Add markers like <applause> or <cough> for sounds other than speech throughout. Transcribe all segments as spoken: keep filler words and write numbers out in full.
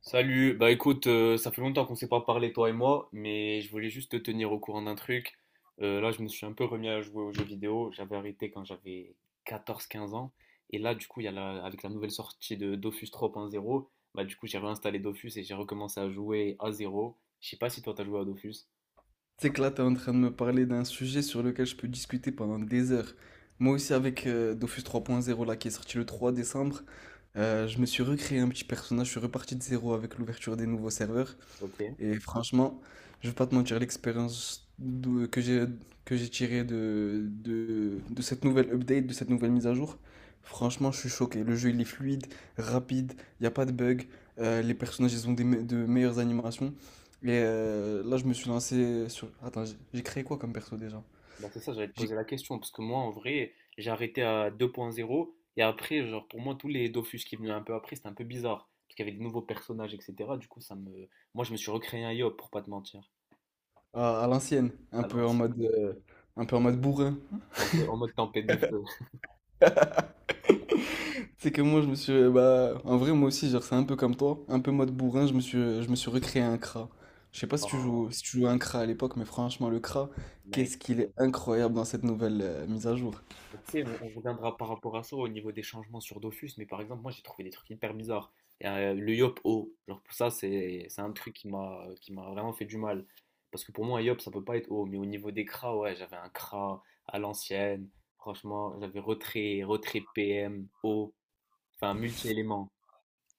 Salut, bah écoute, euh, ça fait longtemps qu'on s'est pas parlé toi et moi, mais je voulais juste te tenir au courant d'un truc. Euh, là, je me suis un peu remis à jouer aux jeux vidéo. J'avais arrêté quand j'avais quatorze, quinze ans. Et là, du coup, il y a la- avec la nouvelle sortie de Dofus trois point zéro, bah du coup, j'ai réinstallé Dofus et j'ai recommencé à jouer à zéro. Je sais pas si toi, t'as joué à Dofus. Tu sais que là, tu es en train de me parler d'un sujet sur lequel je peux discuter pendant des heures. Moi aussi, avec euh, Dofus trois point zéro, là, qui est sorti le trois décembre, euh, je me suis recréé un petit personnage, je suis reparti de zéro avec l'ouverture des nouveaux serveurs. Ok. Et franchement, je vais pas te mentir, l'expérience d'où- que j'ai que j'ai tirée de, de, de cette nouvelle update, de cette nouvelle mise à jour, franchement, je suis choqué. Le jeu, il est fluide, rapide, il n'y a pas de bug, euh, les personnages, ils ont des me- de meilleures animations. Et euh, là, je me suis lancé sur... Attends, j'ai j'ai créé quoi comme perso déjà? Bah, c'est ça, j'allais te J'ai- poser la question, parce que moi, en vrai, j'ai arrêté à deux point zéro, et après, genre, pour moi, tous les Dofus qui venaient un peu après, c'était un peu bizarre, parce qu'il y avait des nouveaux personnages, et cetera. Du coup, ça me... Moi, je me suis recréé un Yop, pour pas te mentir, À, à l'ancienne, un à peu en l'ancienne, mode, euh, un peu en mode bourrin. un peu en mode tempête de feu. <laughs> C'est que moi, je me suis. Bah, en vrai, moi aussi, genre, c'est un peu comme toi. Un peu mode bourrin, je me suis, je me suis recréé un C R A. Je sais pas si tu Oh, joues, si tu jouais un C R A à l'époque, mais franchement, le C R A, mec. qu'est-ce qu'il est incroyable dans cette nouvelle euh, mise à jour. Tu sais, on, on reviendra par rapport à ça au niveau des changements sur Dofus, mais par exemple, moi j'ai trouvé des trucs hyper bizarres. Euh, le yop O, genre pour ça, c'est c'est un truc qui m'a qui m'a vraiment fait du mal. Parce que pour moi, un yop, ça peut pas être O, mais au niveau des cras, ouais, j'avais un cra à l'ancienne, franchement, j'avais retrait, retrait P M, O, enfin multi-éléments.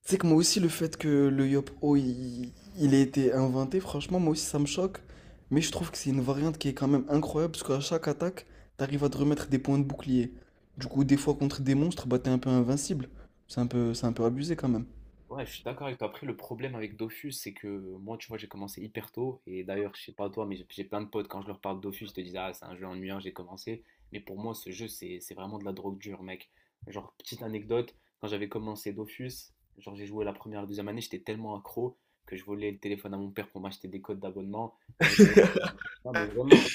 C'est que moi aussi, le fait que le o il, il ait été inventé, franchement, moi aussi, ça me choque. Mais je trouve que c'est une variante qui est quand même incroyable, parce qu'à chaque attaque, t'arrives à te remettre des points de bouclier. Du coup, des fois, contre des monstres, bah, t'es un peu invincible. C'est un peu, c'est un peu abusé quand même. Ouais, je suis d'accord avec toi. Après, le problème avec Dofus, c'est que moi, tu vois, j'ai commencé hyper tôt. Et d'ailleurs, je sais pas toi, mais j'ai j'ai plein de potes, quand je leur parle de Dofus, ils te disent, ah, c'est un jeu ennuyant, j'ai commencé. Mais pour moi, ce jeu, c'est c'est vraiment de la drogue dure, mec. Genre, petite anecdote, quand j'avais commencé Dofus, genre, j'ai joué la première, la deuxième année, j'étais tellement accro que je volais le téléphone à mon père pour m'acheter des codes d'abonnement. Et à- un moment- Non, mais vraiment,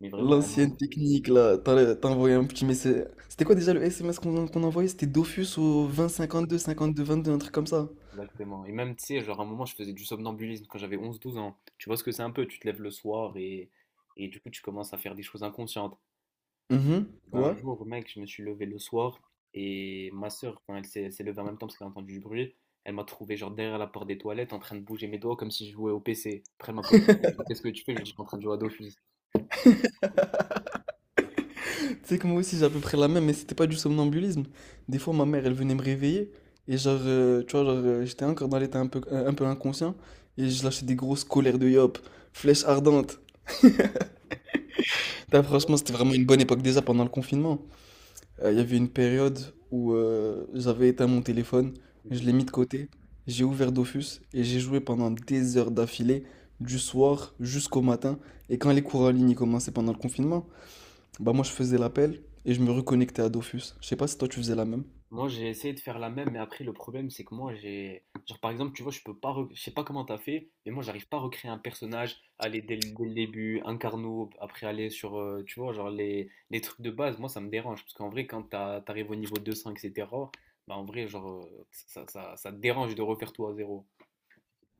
mais vraiment, à un L'ancienne moment. technique, là, t'as t'as envoyé un petit message. C'était quoi déjà le S M S qu'on qu'on envoyait? C'était Dofus au vingt cinquante deux cinquante deux vingt deux, un truc comme ça. Exactement. Et même, tu sais, genre à un moment, je faisais du somnambulisme quand j'avais onze douze ans. Tu vois ce que c'est un peu, tu te lèves le soir et, et du coup, tu commences à faire des choses inconscientes. Mhm, Ben, un ouais. jour, mec, je me suis levé le soir et ma soeur, elle s'est elle s'est levée en même temps parce qu'elle a entendu du bruit. Elle m'a trouvé genre derrière la porte des toilettes en train de bouger mes doigts comme si je jouais au P C. Après, elle m'a posé la question, qu'est-ce que tu fais? Je lui ai dit, je suis en train de jouer à Dofus. Tu sais que moi aussi j'ai à peu près la même, mais c'était pas du somnambulisme. Des fois ma mère elle venait me réveiller et genre, euh, tu vois, genre euh, j'étais encore dans l'état un peu, un, un peu inconscient et je lâchais des grosses colères de yop, flèche ardente. Putain, franchement c'était vraiment une bonne époque déjà pendant le confinement. Euh, Il y avait une période où euh, j'avais éteint mon téléphone, je l'ai mis de côté, j'ai ouvert Dofus et j'ai joué pendant des heures d'affilée, du soir jusqu'au matin. Et quand les cours en ligne ils commençaient pendant le confinement, bah moi je faisais l'appel et je me reconnectais à Dofus. Je sais pas si toi tu faisais la même. Moi, j'ai essayé de faire la même, mais après, le problème, c'est que moi, j'ai. Genre, par exemple, tu vois, je peux pas. re- Je sais pas comment t'as fait, mais moi, j'arrive pas à recréer un personnage, aller dès le, dès le début, un carnot, après aller sur, euh, tu vois, genre les, les trucs de base. Moi, ça me dérange, parce qu'en vrai, quand t'as- t'arrives au niveau deux cents, et cetera, bah, en vrai, genre, euh, ça, ça, ça te dérange de refaire tout à zéro.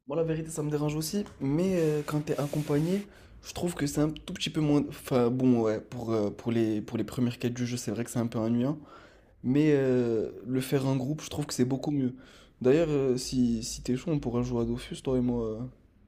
Bon, la vérité, ça me dérange aussi, mais euh, quand t'es accompagné, je trouve que c'est un tout petit peu moins. Enfin, bon, ouais, pour, euh, pour les, pour les premières quêtes du jeu, c'est vrai que c'est un peu ennuyant. Mais euh, le faire en groupe, je trouve que c'est beaucoup mieux. D'ailleurs, euh, si, si t'es chaud, on pourra jouer à Dofus, toi et moi, euh,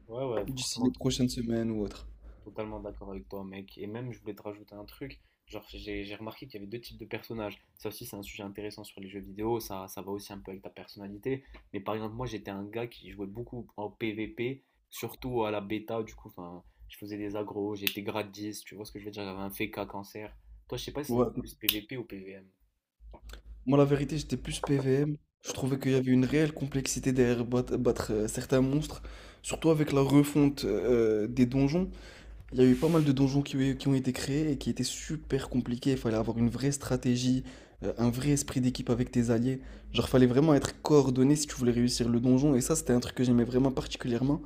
Ouais, ouais, d'ici franchement. les prochaines semaines ou autre. Totalement d'accord avec toi, mec. Et même, je voulais te rajouter un truc. Genre, j'ai j'ai remarqué qu'il y avait deux types de personnages. Ça aussi, c'est un sujet intéressant sur les jeux vidéo. Ça, ça va aussi un peu avec ta personnalité. Mais par exemple, moi, j'étais un gars qui jouait beaucoup en P V P, surtout à la bêta. Du coup, enfin, je faisais des agros, j'étais grade dix. Tu vois ce que je veux dire? J'avais un F K cancer. Toi, je sais pas si c'était Ouais. plus P V P ou P V M. Moi, la vérité, j'étais plus P V M. Je trouvais qu'il y avait une réelle complexité derrière battre, battre, euh, certains monstres. Surtout avec la refonte euh, des donjons. Il y a eu pas mal de donjons qui, ont- qui ont été créés et qui étaient super compliqués. Il fallait avoir une vraie stratégie, euh, un vrai esprit d'équipe avec tes alliés. Genre, fallait vraiment être coordonné si tu voulais réussir le donjon. Et ça, c'était un truc que j'aimais vraiment particulièrement,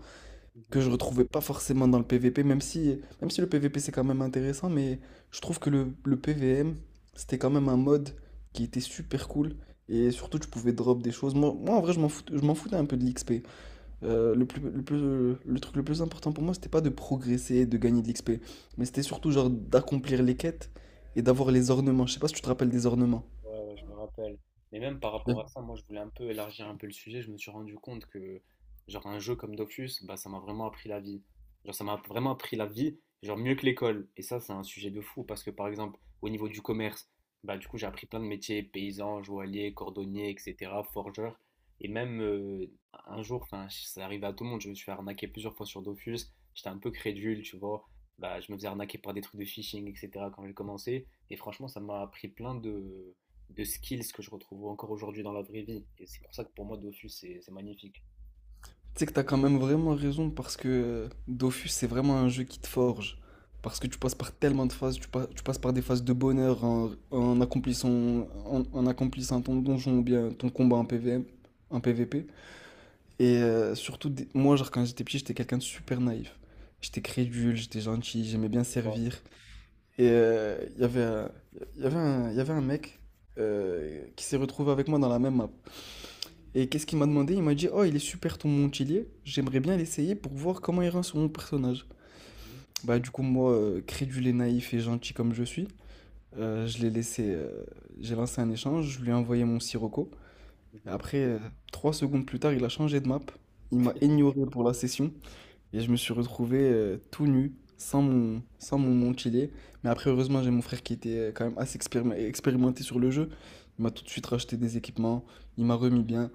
que Mhm. je retrouvais pas forcément dans le P V P, même si, même si le P V P c'est quand même intéressant, mais je trouve que le, le P V M, c'était quand même un mode qui était super cool. Et surtout, tu pouvais drop des choses. Moi, moi, en vrai, je m'en foutais, je m'en foutais un peu de l'X P. Euh, le, plus, le, plus- le truc le plus important pour moi, c'était pas de progresser, de gagner de l'X P. Mais c'était surtout genre d'accomplir les quêtes et d'avoir les ornements. Je sais pas si tu te rappelles des ornements. Ouais, ouais, je me rappelle. Mais même par rapport à ça, moi, je voulais un peu élargir un peu le sujet. Je me suis rendu compte que, genre, un jeu comme Dofus, bah, ça m'a vraiment appris la vie. Genre, ça m'a vraiment appris la vie, genre, mieux que l'école. Et ça, c'est un sujet de fou parce que, par exemple, au niveau du commerce, bah, du coup, j'ai appris plein de métiers, paysan, joaillier, cordonnier, et cetera, forgeur. Et même euh, un jour, enfin, ça arrivait à tout le monde, je me suis fait arnaquer plusieurs fois sur Dofus. J'étais un peu crédule, tu vois. Bah, je me faisais arnaquer par des trucs de phishing, et cetera, quand j'ai commencé. Et franchement, ça m'a appris plein de de skills que je retrouve encore aujourd'hui dans la vraie vie. Et c'est pour ça que pour moi, Dofus, c'est c'est magnifique. Tu sais que t'as quand même vraiment raison parce que euh, Dofus, c'est vraiment un jeu qui te forge. Parce que tu passes par tellement de phases, tu, pa- tu passes par des phases de bonheur en, en accomplissant, en, en accomplissant ton donjon ou bien ton combat en P V M, en P V P. Et euh, surtout, des- moi, genre, quand j'étais petit, j'étais quelqu'un de super naïf. J'étais crédule, j'étais gentil, j'aimais bien Ouais. servir. Et euh, il y avait, un- il y avait un, il y avait un mec euh, qui s'est retrouvé avec moi dans la même map. Et Mhm, qu'est-ce qu'il m'a demandé? Il m'a dit: Oh, il est super ton Montpellier, j'aimerais bien l'essayer pour voir comment il rend sur mon personnage. mhm, Bah, du coup, moi, euh, crédule et naïf et gentil comme je suis, euh, je l'ai laissé. euh, J'ai lancé un échange, je lui ai envoyé mon Sirocco. Et mhm. après, euh, trois secondes plus tard, il a changé de map. Il m'a ignoré pour la session. Et je me suis retrouvé euh, tout nu, sans mon, sans mon mantillet. Mais après, heureusement, j'ai mon frère qui était euh, quand même assez expérime- expérimenté sur le jeu. Il m'a tout de suite racheté des équipements, il m'a remis bien.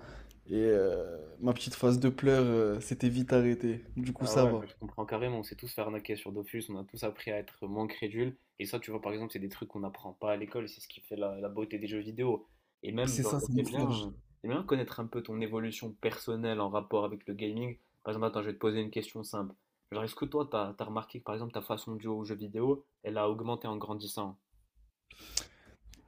Et euh, ma petite phase de pleurs euh, s'était vite arrêtée. Du coup, Bah ça ouais, va. bah je comprends carrément. On s'est tous fait arnaquer sur Dofus, on a tous appris à être moins crédules. Et ça, tu vois, par exemple, c'est des trucs qu'on n'apprend pas à l'école, c'est ce qui fait la, la beauté des jeux vidéo. Et même, C'est genre, ça, ça me j'aimerais forge. bien, j'aimerais bien connaître un peu ton évolution personnelle en rapport avec le gaming. Par exemple, attends, je vais te poser une question simple. Genre, est-ce que toi, t'as, t'as remarqué que, par exemple, ta façon de jouer aux jeux vidéo, elle a augmenté en grandissant?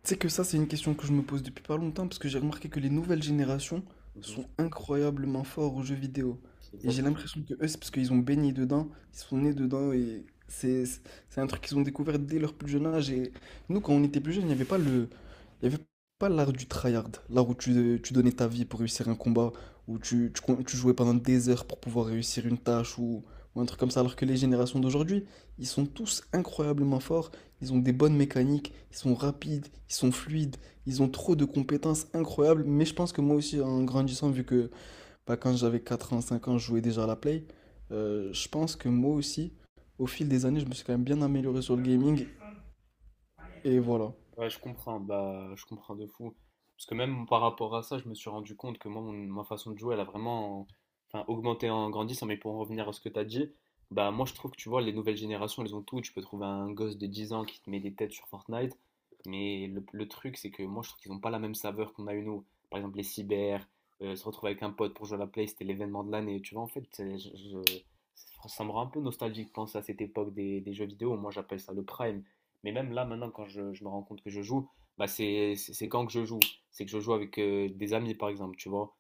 Tu sais que ça, c'est une question que je me pose depuis pas longtemps parce que j'ai remarqué que les nouvelles générations Mhm. sont incroyablement forts aux jeux vidéo. Et j'ai Exactement. l'impression que eux, c'est parce qu'ils ont baigné dedans, ils sont nés dedans et c'est c'est c'est un truc qu'ils ont découvert dès leur plus jeune âge. Et nous, quand on était plus jeunes, il n'y avait pas le, il y avait pas l'art du tryhard, l'art où tu, tu donnais ta vie pour réussir un combat, où tu, tu, con- tu jouais pendant des heures pour pouvoir réussir une tâche ou, ou un truc comme ça. Alors que les générations d'aujourd'hui, ils sont tous incroyablement forts. Ils ont des bonnes mécaniques, ils sont rapides, ils sont fluides, ils ont trop de compétences incroyables. Mais je pense que moi aussi, en grandissant, vu que bah, quand j'avais quatre ans, cinq ans, je jouais déjà à la Play, euh, je pense que moi aussi, au fil des années, je me suis quand même bien amélioré sur le gaming. Et voilà. Ouais, je comprends, bah, je comprends de fou. Parce que même par rapport à ça, je me suis rendu compte que moi, mon- ma façon de jouer, elle a vraiment enfin, augmenté en grandissant. Mais pour en revenir à ce que tu as dit, bah, moi, je trouve que tu vois, les nouvelles générations, elles ont tout. Tu peux trouver un gosse de dix ans qui te met des têtes sur Fortnite. Mais le, le truc, c'est que moi, je trouve qu'ils n'ont pas la même saveur qu'on a eu nous. Par exemple, les cyber, euh, se retrouver avec un pote pour jouer à la Play, c'était l'événement de l'année. Tu vois, en fait, c'est- je- je- ça me rend un peu nostalgique de penser à cette époque des, des jeux vidéo. Moi, j'appelle ça le prime. Mais même là, maintenant, quand je, je me rends compte que je joue, bah c'est c'est- c'est quand que je joue. C'est que je joue avec euh, des amis, par exemple, tu vois.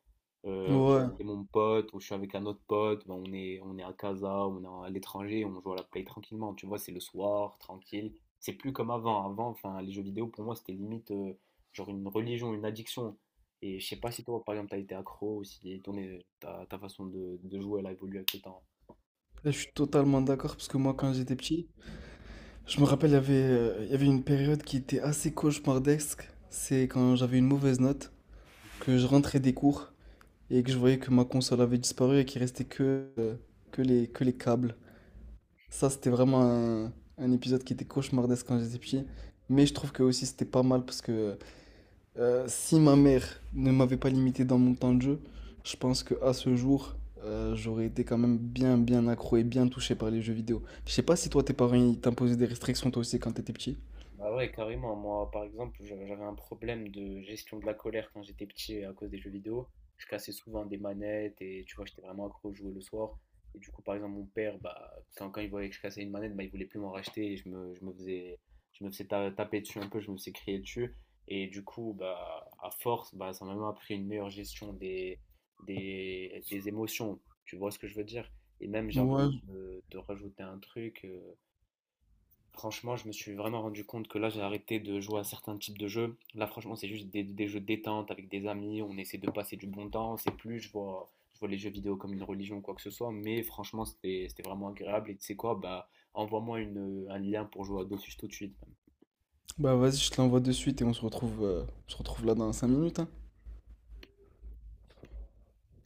Euh, je Ouais, suis là, avec mon pote ou je suis avec un autre pote, bah, on est, on est à casa, on est à l'étranger, on joue à la play tranquillement, tu vois, c'est le soir, tranquille. C'est plus comme avant. Avant, enfin, les jeux vidéo, pour moi, c'était limite euh, genre une religion, une addiction. Et je sais pas si toi, par exemple, t'as été accro ou si ton, euh, ta, ta façon de, de jouer, elle a évolué avec le temps. je suis totalement d'accord, parce que moi, quand j'étais petit, je me rappelle, il y avait, euh, il y avait une période qui était assez cauchemardesque. C'est quand j'avais une mauvaise note, que je rentrais des cours et que je voyais que ma console avait disparu et qu'il restait que, euh, que les, que les câbles. Ça, c'était vraiment un, un épisode qui était cauchemardesque quand j'étais petit. Mais je trouve que aussi c'était pas mal parce que euh, si ma mère ne m'avait pas limité dans mon temps de jeu, je pense que à ce jour, euh, j'aurais été quand même bien, bien accro et bien touché par les jeux vidéo. Je sais pas si toi, tes parents, ils t'imposaient des restrictions toi aussi quand t'étais petit. Bah ouais, carrément. Moi, par exemple, j'a- j'avais un problème de gestion de la colère quand j'étais petit à cause des jeux vidéo. Je cassais souvent des manettes et tu vois, j'étais vraiment accro à jouer le soir. Et du coup, par exemple, mon père, bah, quand, quand il voyait que je cassais une manette, bah, il voulait plus m'en racheter et je me, je me faisais, je me faisais ta- taper dessus un peu, je me faisais crier dessus. Et du coup, bah, à force, bah, ça m'a même appris une meilleure gestion des, des, des émotions. Tu vois ce que je veux dire? Et même, j'ai envie Ouais, de, de rajouter un truc. euh, Franchement, je me suis vraiment rendu compte que là, j'ai arrêté de jouer à certains types de jeux. Là, franchement, c'est juste des, des jeux de détente avec des amis. On essaie de passer du bon temps. C'est plus, je vois, je vois les jeux vidéo comme une religion ou quoi que ce soit. Mais franchement, c'était c'était vraiment agréable. Et tu sais quoi, bah, envoie-moi une- un lien pour jouer à Dofus tout de suite. bah vas-y, je te l'envoie de suite et on se retrouve, euh, on se retrouve là dans cinq minutes, hein.